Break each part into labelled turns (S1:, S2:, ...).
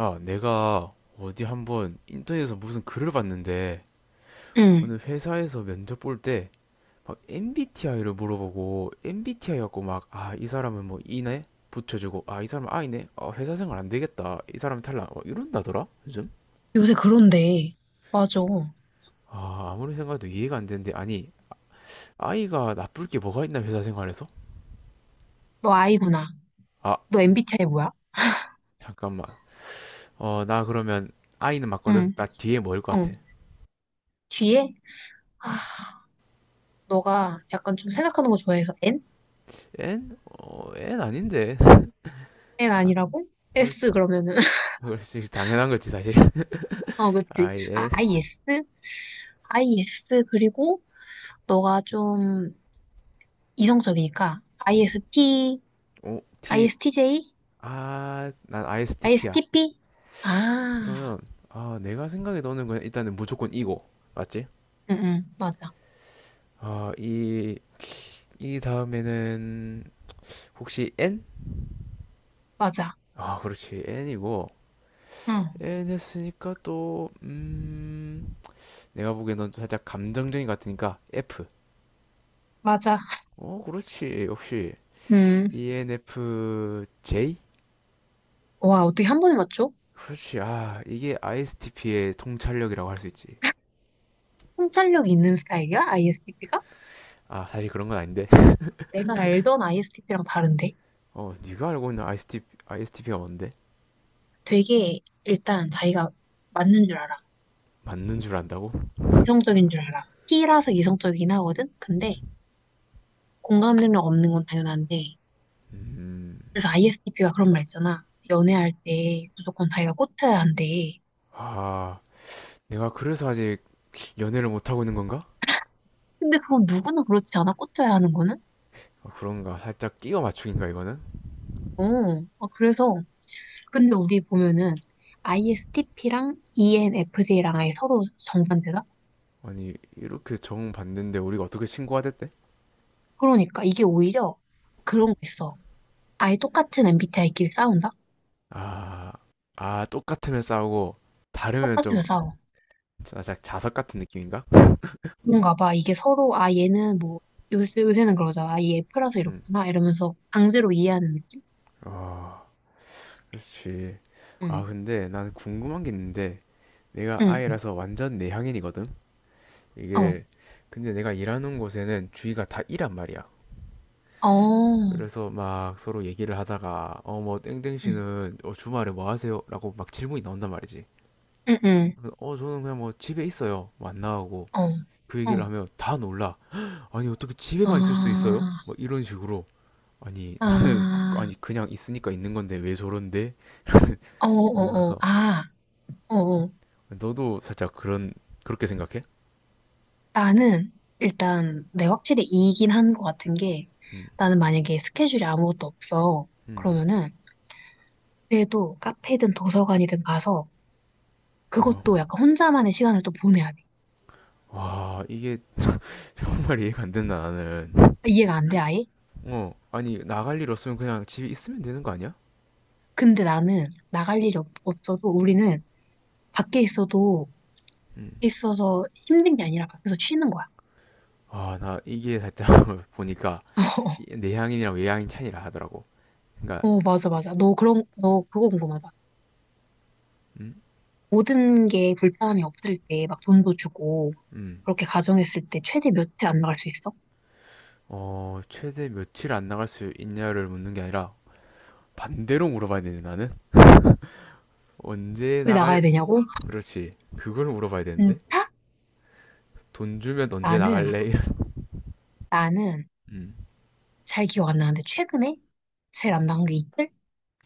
S1: 야, 내가 어디 한번 인터넷에서 무슨 글을 봤는데
S2: 응.
S1: 어느 회사에서 면접 볼 때 막 MBTI를 물어보고 MBTI 갖고 막 아, 이 사람은 뭐 E네 붙여주고 아, 이 사람은 I네 아, 회사 생활 안 되겠다 이 사람은 탈락 막 이런다더라 요즘.
S2: 요새 그런데. 맞아.
S1: 아, 아무리 생각해도 이해가 안 되는데 아니 I가 나쁠 게 뭐가 있나 회사 생활에서.
S2: 너 I구나.
S1: 아,
S2: 너 MBTI 뭐야?
S1: 잠깐만. 나 그러면 I는 맞거든.
S2: 응.
S1: 나 뒤에 뭐일 것
S2: 응.
S1: 같아?
S2: 뒤에 아, 너가 약간 좀 생각하는 거 좋아해서 N?
S1: N? N 아닌데.
S2: N 아니라고?
S1: 그렇지.
S2: S 그러면은
S1: 그렇지, 당연한 거지 사실.
S2: 어, 그치. 아,
S1: IS.
S2: IS? IS 그리고 너가 좀 이성적이니까
S1: 음,
S2: IST,
S1: O T.
S2: ISTJ,
S1: 아, 난 ISTP야.
S2: ISTP? 아,
S1: 그러면 아, 내가 생각에 넣는 건 일단은 무조건 이고, 맞지?
S2: 응, 응. 맞아.
S1: 아이 이이 다음에는 혹시 N?
S2: 맞아.
S1: 아, 그렇지, N이고.
S2: 응.
S1: N 했으니까 또 내가 보기엔 넌 살짝 감정적인 것 같으니까 F.
S2: 맞아.
S1: 어, 그렇지 역시.
S2: 응.
S1: ENFJ?
S2: 와, 어떻게 한 번에 맞춰?
S1: 그렇지. 아, 이게 ISTP의 통찰력이라고 할 수 있지.
S2: 통찰력 있는 스타일이야? ISTP가?
S1: 아, 사실 그런 건 아닌데.
S2: 내가 알던 ISTP랑 다른데?
S1: 어, 네가 알고 있는 ISTP가 뭔데?
S2: 되게 일단 자기가 맞는 줄 알아.
S1: 맞는 줄 안다고?
S2: 이성적인 줄 알아. T라서 이성적이긴 하거든? 근데 공감 능력 없는 건 당연한데.
S1: 음.
S2: 그래서 ISTP가 그런 말 있잖아. 연애할 때 무조건 자기가 꽂혀야 한대.
S1: 아, 내가 그래서 아직 연애를 못하고 있는 건가?
S2: 근데 그건 누구나 그렇지 않아? 꽂혀야 하는 거는?
S1: 아, 그런가? 살짝 끼워 맞추기인가, 이거는?
S2: 어, 아, 그래서. 근데 우리 보면은 ISTP랑 ENFJ랑 아예 서로 정반대다?
S1: 아니, 이렇게 정 받는데 우리가 어떻게 신고가 됐대?
S2: 그러니까 이게 오히려 그런 거 있어. 아예 똑같은 MBTI끼리 싸운다?
S1: 아. 아, 똑같으면 싸우고, 다르면 좀,
S2: 똑같으면 싸워.
S1: 살짝 자석 같은 느낌인가?
S2: 뭔가 봐. 이게 서로, 아, 얘는 뭐, 요새, 요새는 그러잖아. 아, 얘 F라서
S1: 응.
S2: 이렇구나. 이러면서 강제로 이해하는 느낌?
S1: 아, 그렇지.
S2: 응.
S1: 아, 근데 난 궁금한 게 있는데, 내가
S2: 응.
S1: 아이라서 완전 내향인이거든?
S2: 어.
S1: 이게, 근데 내가 일하는 곳에는 주위가 다 이란 말이야.
S2: 어.
S1: 그래서 막 서로 얘기를 하다가 어 뭐 땡땡
S2: 응.
S1: 씨는 주말에 뭐 하세요? 라고 막 질문이 나온단 말이지.
S2: 응, 응.
S1: 그래서 어 저는 그냥 뭐 집에 있어요. 뭐 안 나가고
S2: 어.
S1: 그 얘기를
S2: 어.
S1: 하면 다 놀라. 아니 어떻게 집에만 있을 수 있어요?
S2: 아.
S1: 뭐 이런 식으로. 아니 나는
S2: 아.
S1: 아니 그냥 있으니까 있는 건데 왜 저런데?
S2: 어,
S1: 이
S2: 어, 어.
S1: 나서
S2: 아. 어, 어.
S1: 너도 살짝 그런, 그렇게 생각해?
S2: 나는, 일단, 내가 확실히 이긴 한 것 같은 게,
S1: 음.
S2: 나는 만약에 스케줄이 아무것도 없어.
S1: 음.
S2: 그러면은, 그래도 카페든 도서관이든 가서,
S1: 어.
S2: 그것도 약간 혼자만의 시간을 또 보내야 돼.
S1: 와, 이게 정말 이해가 안 된다 나는.
S2: 이해가 안 돼, 아예?
S1: 어, 아니 나갈 일 없으면 그냥 집에 있으면 되는 거 아니야?
S2: 근데 나는 나갈 일이 없어도 우리는 밖에 있어도
S1: 음.
S2: 있어서 힘든 게 아니라 밖에서 쉬는 거야.
S1: 아, 나 이게 살짝 보니까 내향인이랑 외향인 차이라 하더라고. 그러니까
S2: 어, 맞아, 맞아. 너 그거 궁금하다.
S1: 음.
S2: 모든 게 불편함이 없을 때 막 돈도 주고
S1: 음.
S2: 그렇게 가정했을 때 최대 며칠 안 나갈 수 있어?
S1: 어, 최대 며칠 안 나갈 수 있냐를 묻는 게 아니라 반대로 물어봐야 되네 나는. 언제
S2: 왜
S1: 나갈?
S2: 나가야 되냐고?
S1: 그렇지. 그걸 물어봐야
S2: 응,
S1: 되는데
S2: 타?
S1: 돈 주면 언제
S2: 나는,
S1: 나갈래? 이런.
S2: 나는
S1: 음.
S2: 잘 기억 안 나는데 최근에 제일 안 나간 게 이틀?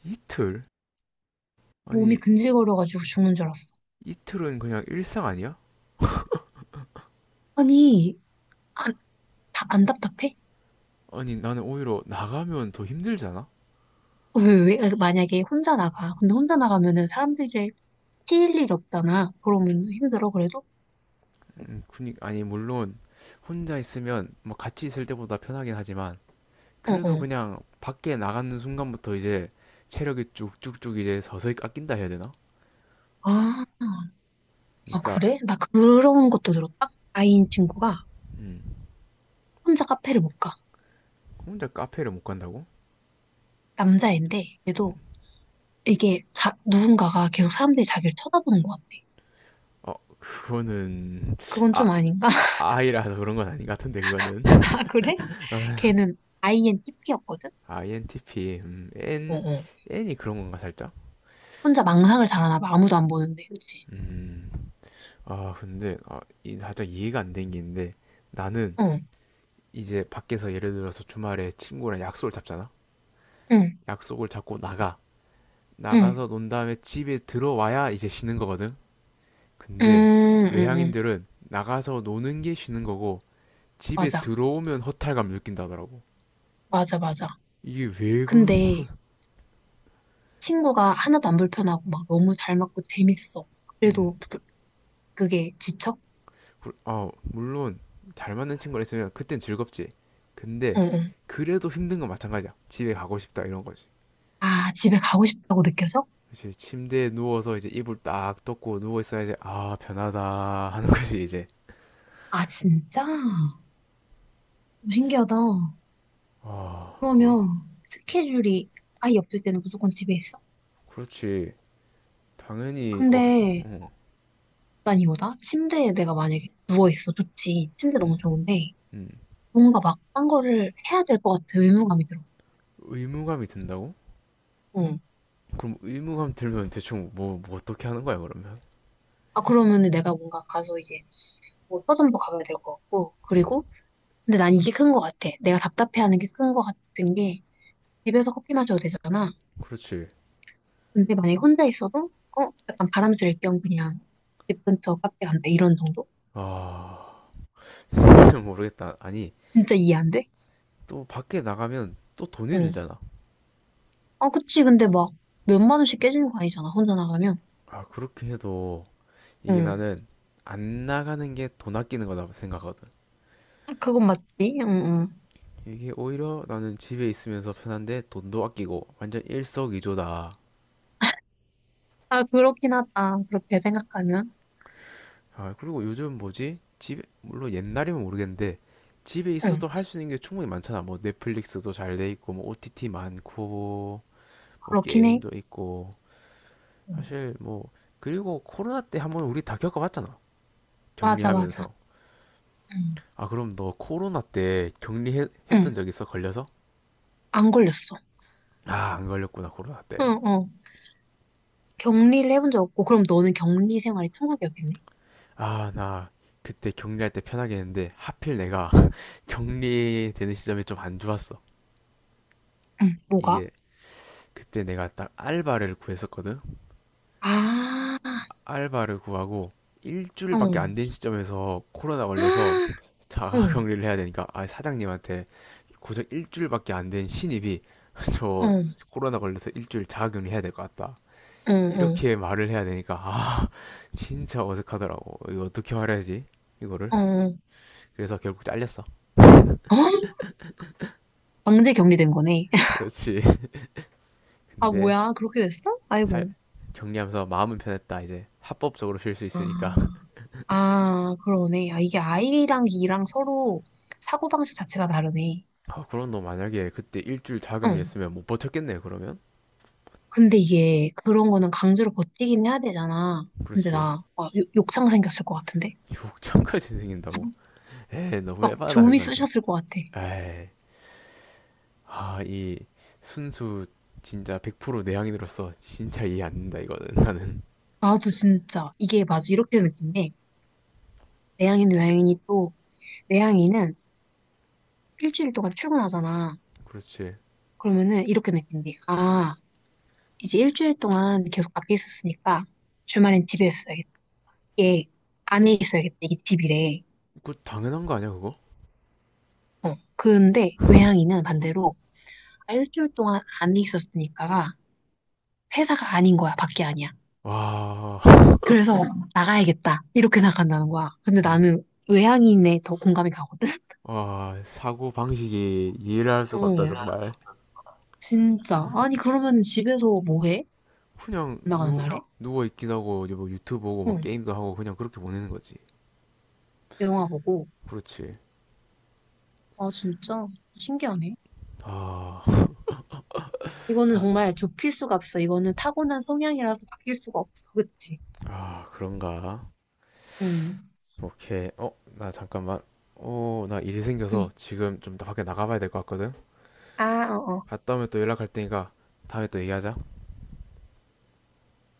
S1: 이틀?
S2: 몸이
S1: 아니
S2: 근질거려가지고 죽는 줄 알았어.
S1: 이틀은 그냥 일상 아니야?
S2: 아니, 아, 답, 안 답답해?
S1: 아니 나는 오히려 나가면 더 힘들잖아.
S2: 어, 왜, 왜, 아, 만약에 혼자 나가. 근데 혼자 나가면은 사람들이 튀일 일 없잖아. 그러면 힘들어, 그래도?
S1: 그니 아니 물론 혼자 있으면 뭐 같이 있을 때보다 편하긴 하지만.
S2: 어,
S1: 그래도
S2: 어.
S1: 그냥 밖에 나가는 순간부터 이제 체력이 쭉쭉쭉 이제 서서히 깎인다 해야 되나?
S2: 아, 아,
S1: 그러니까
S2: 그래? 나 그런 것도 들었다? 아이인 친구가
S1: 음.
S2: 혼자 카페를 못 가.
S1: 혼자 카페를 못 간다고?
S2: 남자애인데, 그래도 이게 누군가가 계속 사람들이 자기를 쳐다보는 것 같아.
S1: 어, 그거는
S2: 그건
S1: 아,
S2: 좀 아닌가?
S1: 아 아이라서 그런 건 아닌 것 같은데 그거는.
S2: 아, 그래? 걔는 아이엔 TP였거든?
S1: INTP.
S2: 어,
S1: N.
S2: 어.
S1: N이 그런 건가 살짝?
S2: 혼자 망상을 잘하나 봐. 아무도 안 보는데, 그치?
S1: 음. 아, 근데 아, 이 살짝 이해가 안 된 게 있는데 나는
S2: 응,
S1: 이제 밖에서 예를 들어서 주말에 친구랑 약속을 잡잖아.
S2: 응,
S1: 약속을 잡고 나가.
S2: 응,
S1: 나가서 논 다음에 집에 들어와야 이제 쉬는 거거든.
S2: 응,
S1: 근데
S2: 응, 응.
S1: 외향인들은 나가서 노는 게 쉬는 거고 집에
S2: 맞아.
S1: 들어오면 허탈감 느낀다더라고.
S2: 맞아, 맞아.
S1: 이게 왜 그런 거야?
S2: 근데 친구가 하나도 안 불편하고 막 너무 잘 맞고 재밌어.
S1: 음.
S2: 그래도 그게 지쳐?
S1: 아, 물론 잘 맞는 친구가 있으면 그땐 즐겁지.
S2: 어,
S1: 근데
S2: 어.
S1: 그래도 힘든 건 마찬가지야. 집에 가고 싶다 이런 거지.
S2: 아, 집에 가고 싶다고 느껴져?
S1: 그치, 침대에 누워서 이제 이불 딱 덮고 누워 있어야 이제 아 편하다 하는 거지 이제.
S2: 아, 진짜? 오, 신기하다.
S1: 아, 예.
S2: 그러면 스케줄이 아예 없을 때는 무조건 집에 있어?
S1: 그렇지. 당연히 없.
S2: 근데
S1: 어.
S2: 난 이거다. 침대에 내가 만약에 누워있어. 좋지. 침대
S1: 음.
S2: 너무 좋은데
S1: 음.
S2: 뭔가 막 딴 거를 해야 될 것 같아. 의무감이 들어.
S1: 의무감이 든다고?
S2: 응.
S1: 그럼 의무감 들면 대충 뭐 어떻게 하는 거야 그러면?
S2: 아, 그러면은 내가 뭔가 가서 이제 뭐 서점도 가봐야 될 것 같고,
S1: 음.
S2: 그리고 근데 난 이게 큰 거 같아. 내가 답답해하는 게 큰 거 같은 게 집에서 커피 마셔도 되잖아.
S1: 그렇지.
S2: 근데 만약에 혼자 있어도 어 약간 바람 쐴 겸 그냥 집 근처 카페 간다 이런 정도?
S1: 아,
S2: 응.
S1: 진짜 모르겠다. 아니,
S2: 진짜 이해 안 돼?
S1: 또 밖에 나가면 또 돈이
S2: 응.
S1: 들잖아.
S2: 아 그치 근데 막 몇만 원씩 깨지는 거 아니잖아 혼자 나가면.
S1: 아, 그렇게 해도 이게
S2: 응.
S1: 나는 안 나가는 게 돈 아끼는 거다 생각하거든.
S2: 아, 그건 맞지? 응, 응.
S1: 이게 오히려 나는 집에 있으면서 편한데 돈도 아끼고 완전 일석이조다.
S2: 아 그렇긴 하다. 그렇게 생각하면.
S1: 아, 그리고 요즘 뭐지? 집에, 물론 옛날이면 모르겠는데 집에
S2: 응.
S1: 있어도 할 수 있는 게 충분히 많잖아. 뭐 넷플릭스도 잘 돼 있고, 뭐 OTT 많고, 뭐
S2: 그렇긴 해.
S1: 게임도 있고
S2: 응.
S1: 사실 뭐 그리고 코로나 때 한번 우리 다 겪어봤잖아
S2: 맞아 맞아.
S1: 격리하면서.
S2: 응.
S1: 아 그럼 너 코로나 때 격리했던
S2: 응.
S1: 적 있어 걸려서?
S2: 안 걸렸어.
S1: 아 안 걸렸구나 코로나
S2: 응, 응. 격리를 해본 적 없고 그럼 너는 격리 생활이 천국이었겠네?
S1: 때. 아 나 그때 격리할 때 편하게 했는데 하필 내가 격리되는 시점이 좀 안 좋았어.
S2: 응, 뭐가?
S1: 이게 그때 내가 딱 알바를 구했었거든.
S2: 아,
S1: 알바를 구하고
S2: 어,
S1: 일주일밖에 안 된 시점에서 코로나 걸려서
S2: 아,
S1: 자가
S2: 응,
S1: 격리를 해야 되니까 아 사장님한테 고작 일주일밖에 안 된 신입이 저
S2: 어,
S1: 코로나 걸려서 일주일 자가격리 해야 될 것 같다.
S2: 응,
S1: 이렇게 말을 해야 되니까 아 진짜 어색하더라고. 이거 어떻게 말해야지 이거를?
S2: 응, 어,
S1: 그래서 결국 잘렸어.
S2: 어, 강제 격리된 거네.
S1: 그렇지.
S2: 아,
S1: 근데
S2: 뭐야, 그렇게 됐어?
S1: 살
S2: 아이고.
S1: 정리하면서 마음은 편했다. 이제 합법적으로 쉴 수
S2: 아,
S1: 있으니까.
S2: 아, 그러네. 아, 이게 I랑 E랑 서로 사고방식 자체가 다르네.
S1: 아 그럼 너 만약에 그때 일주일
S2: 응.
S1: 자가격리했으면 못 버텼겠네 그러면?
S2: 근데 이게 그런 거는 강제로 버티긴 해야 되잖아. 근데
S1: 그렇지.
S2: 나 와, 욕창 생겼을 것 같은데?
S1: 욕창까지 생긴다고. 에이 너무
S2: 막
S1: 해봐다
S2: 조미
S1: 그거는.
S2: 쑤셨을 것 같아.
S1: 에이 아, 이 순수 진짜 100% 내향인으로서 진짜 이해 안 된다 이거는 나는.
S2: 나도 진짜 이게 맞아. 이렇게 느낀 게 내향인, 외향인이 또 내향인은 일주일 동안 출근하잖아.
S1: 그렇지.
S2: 그러면은 이렇게 느낀대. 아, 이제 일주일 동안 계속 밖에 있었으니까 주말엔 집에 있어야겠다. 이게 안에
S1: 어,
S2: 있어야겠다. 이게 집이래.
S1: 그 당연한 거 아니야 그거?
S2: 어. 근데 외향인은 반대로 아, 일주일 동안 안에 있었으니까가 회사가 아닌 거야. 밖에 아니야.
S1: 와,
S2: 그래서 나가야겠다. 이렇게 생각한다는 거야. 근데
S1: 이,
S2: 나는 외향인에 더 공감이 가거든.
S1: 와 사고 방식이 이해를 할 수가
S2: 어.
S1: 없다 정말.
S2: 진짜. 아니, 그러면 집에서 뭐 해?
S1: 그냥
S2: 나가는
S1: 누
S2: 날에?
S1: 누워 있기도 하고 뭐 유튜브 보고 뭐
S2: 응.
S1: 게임도 하고 그냥 그렇게 보내는 거지.
S2: 영화 보고.
S1: 그렇지.
S2: 아, 진짜 신기하네.
S1: 아.
S2: 이거는
S1: 아.
S2: 정말 좁힐 수가 없어. 이거는 타고난 성향이라서 바뀔 수가 없어. 그치?
S1: 아, 그런가?
S2: 응.
S1: 오케이. 어, 나 잠깐만. 어, 나 일이
S2: 응.
S1: 생겨서 지금 좀 밖에 나가봐야 될 것 같거든.
S2: 아, 어, 어.
S1: 갔다 오면 또 연락할 테니까 다음에 또 얘기하자.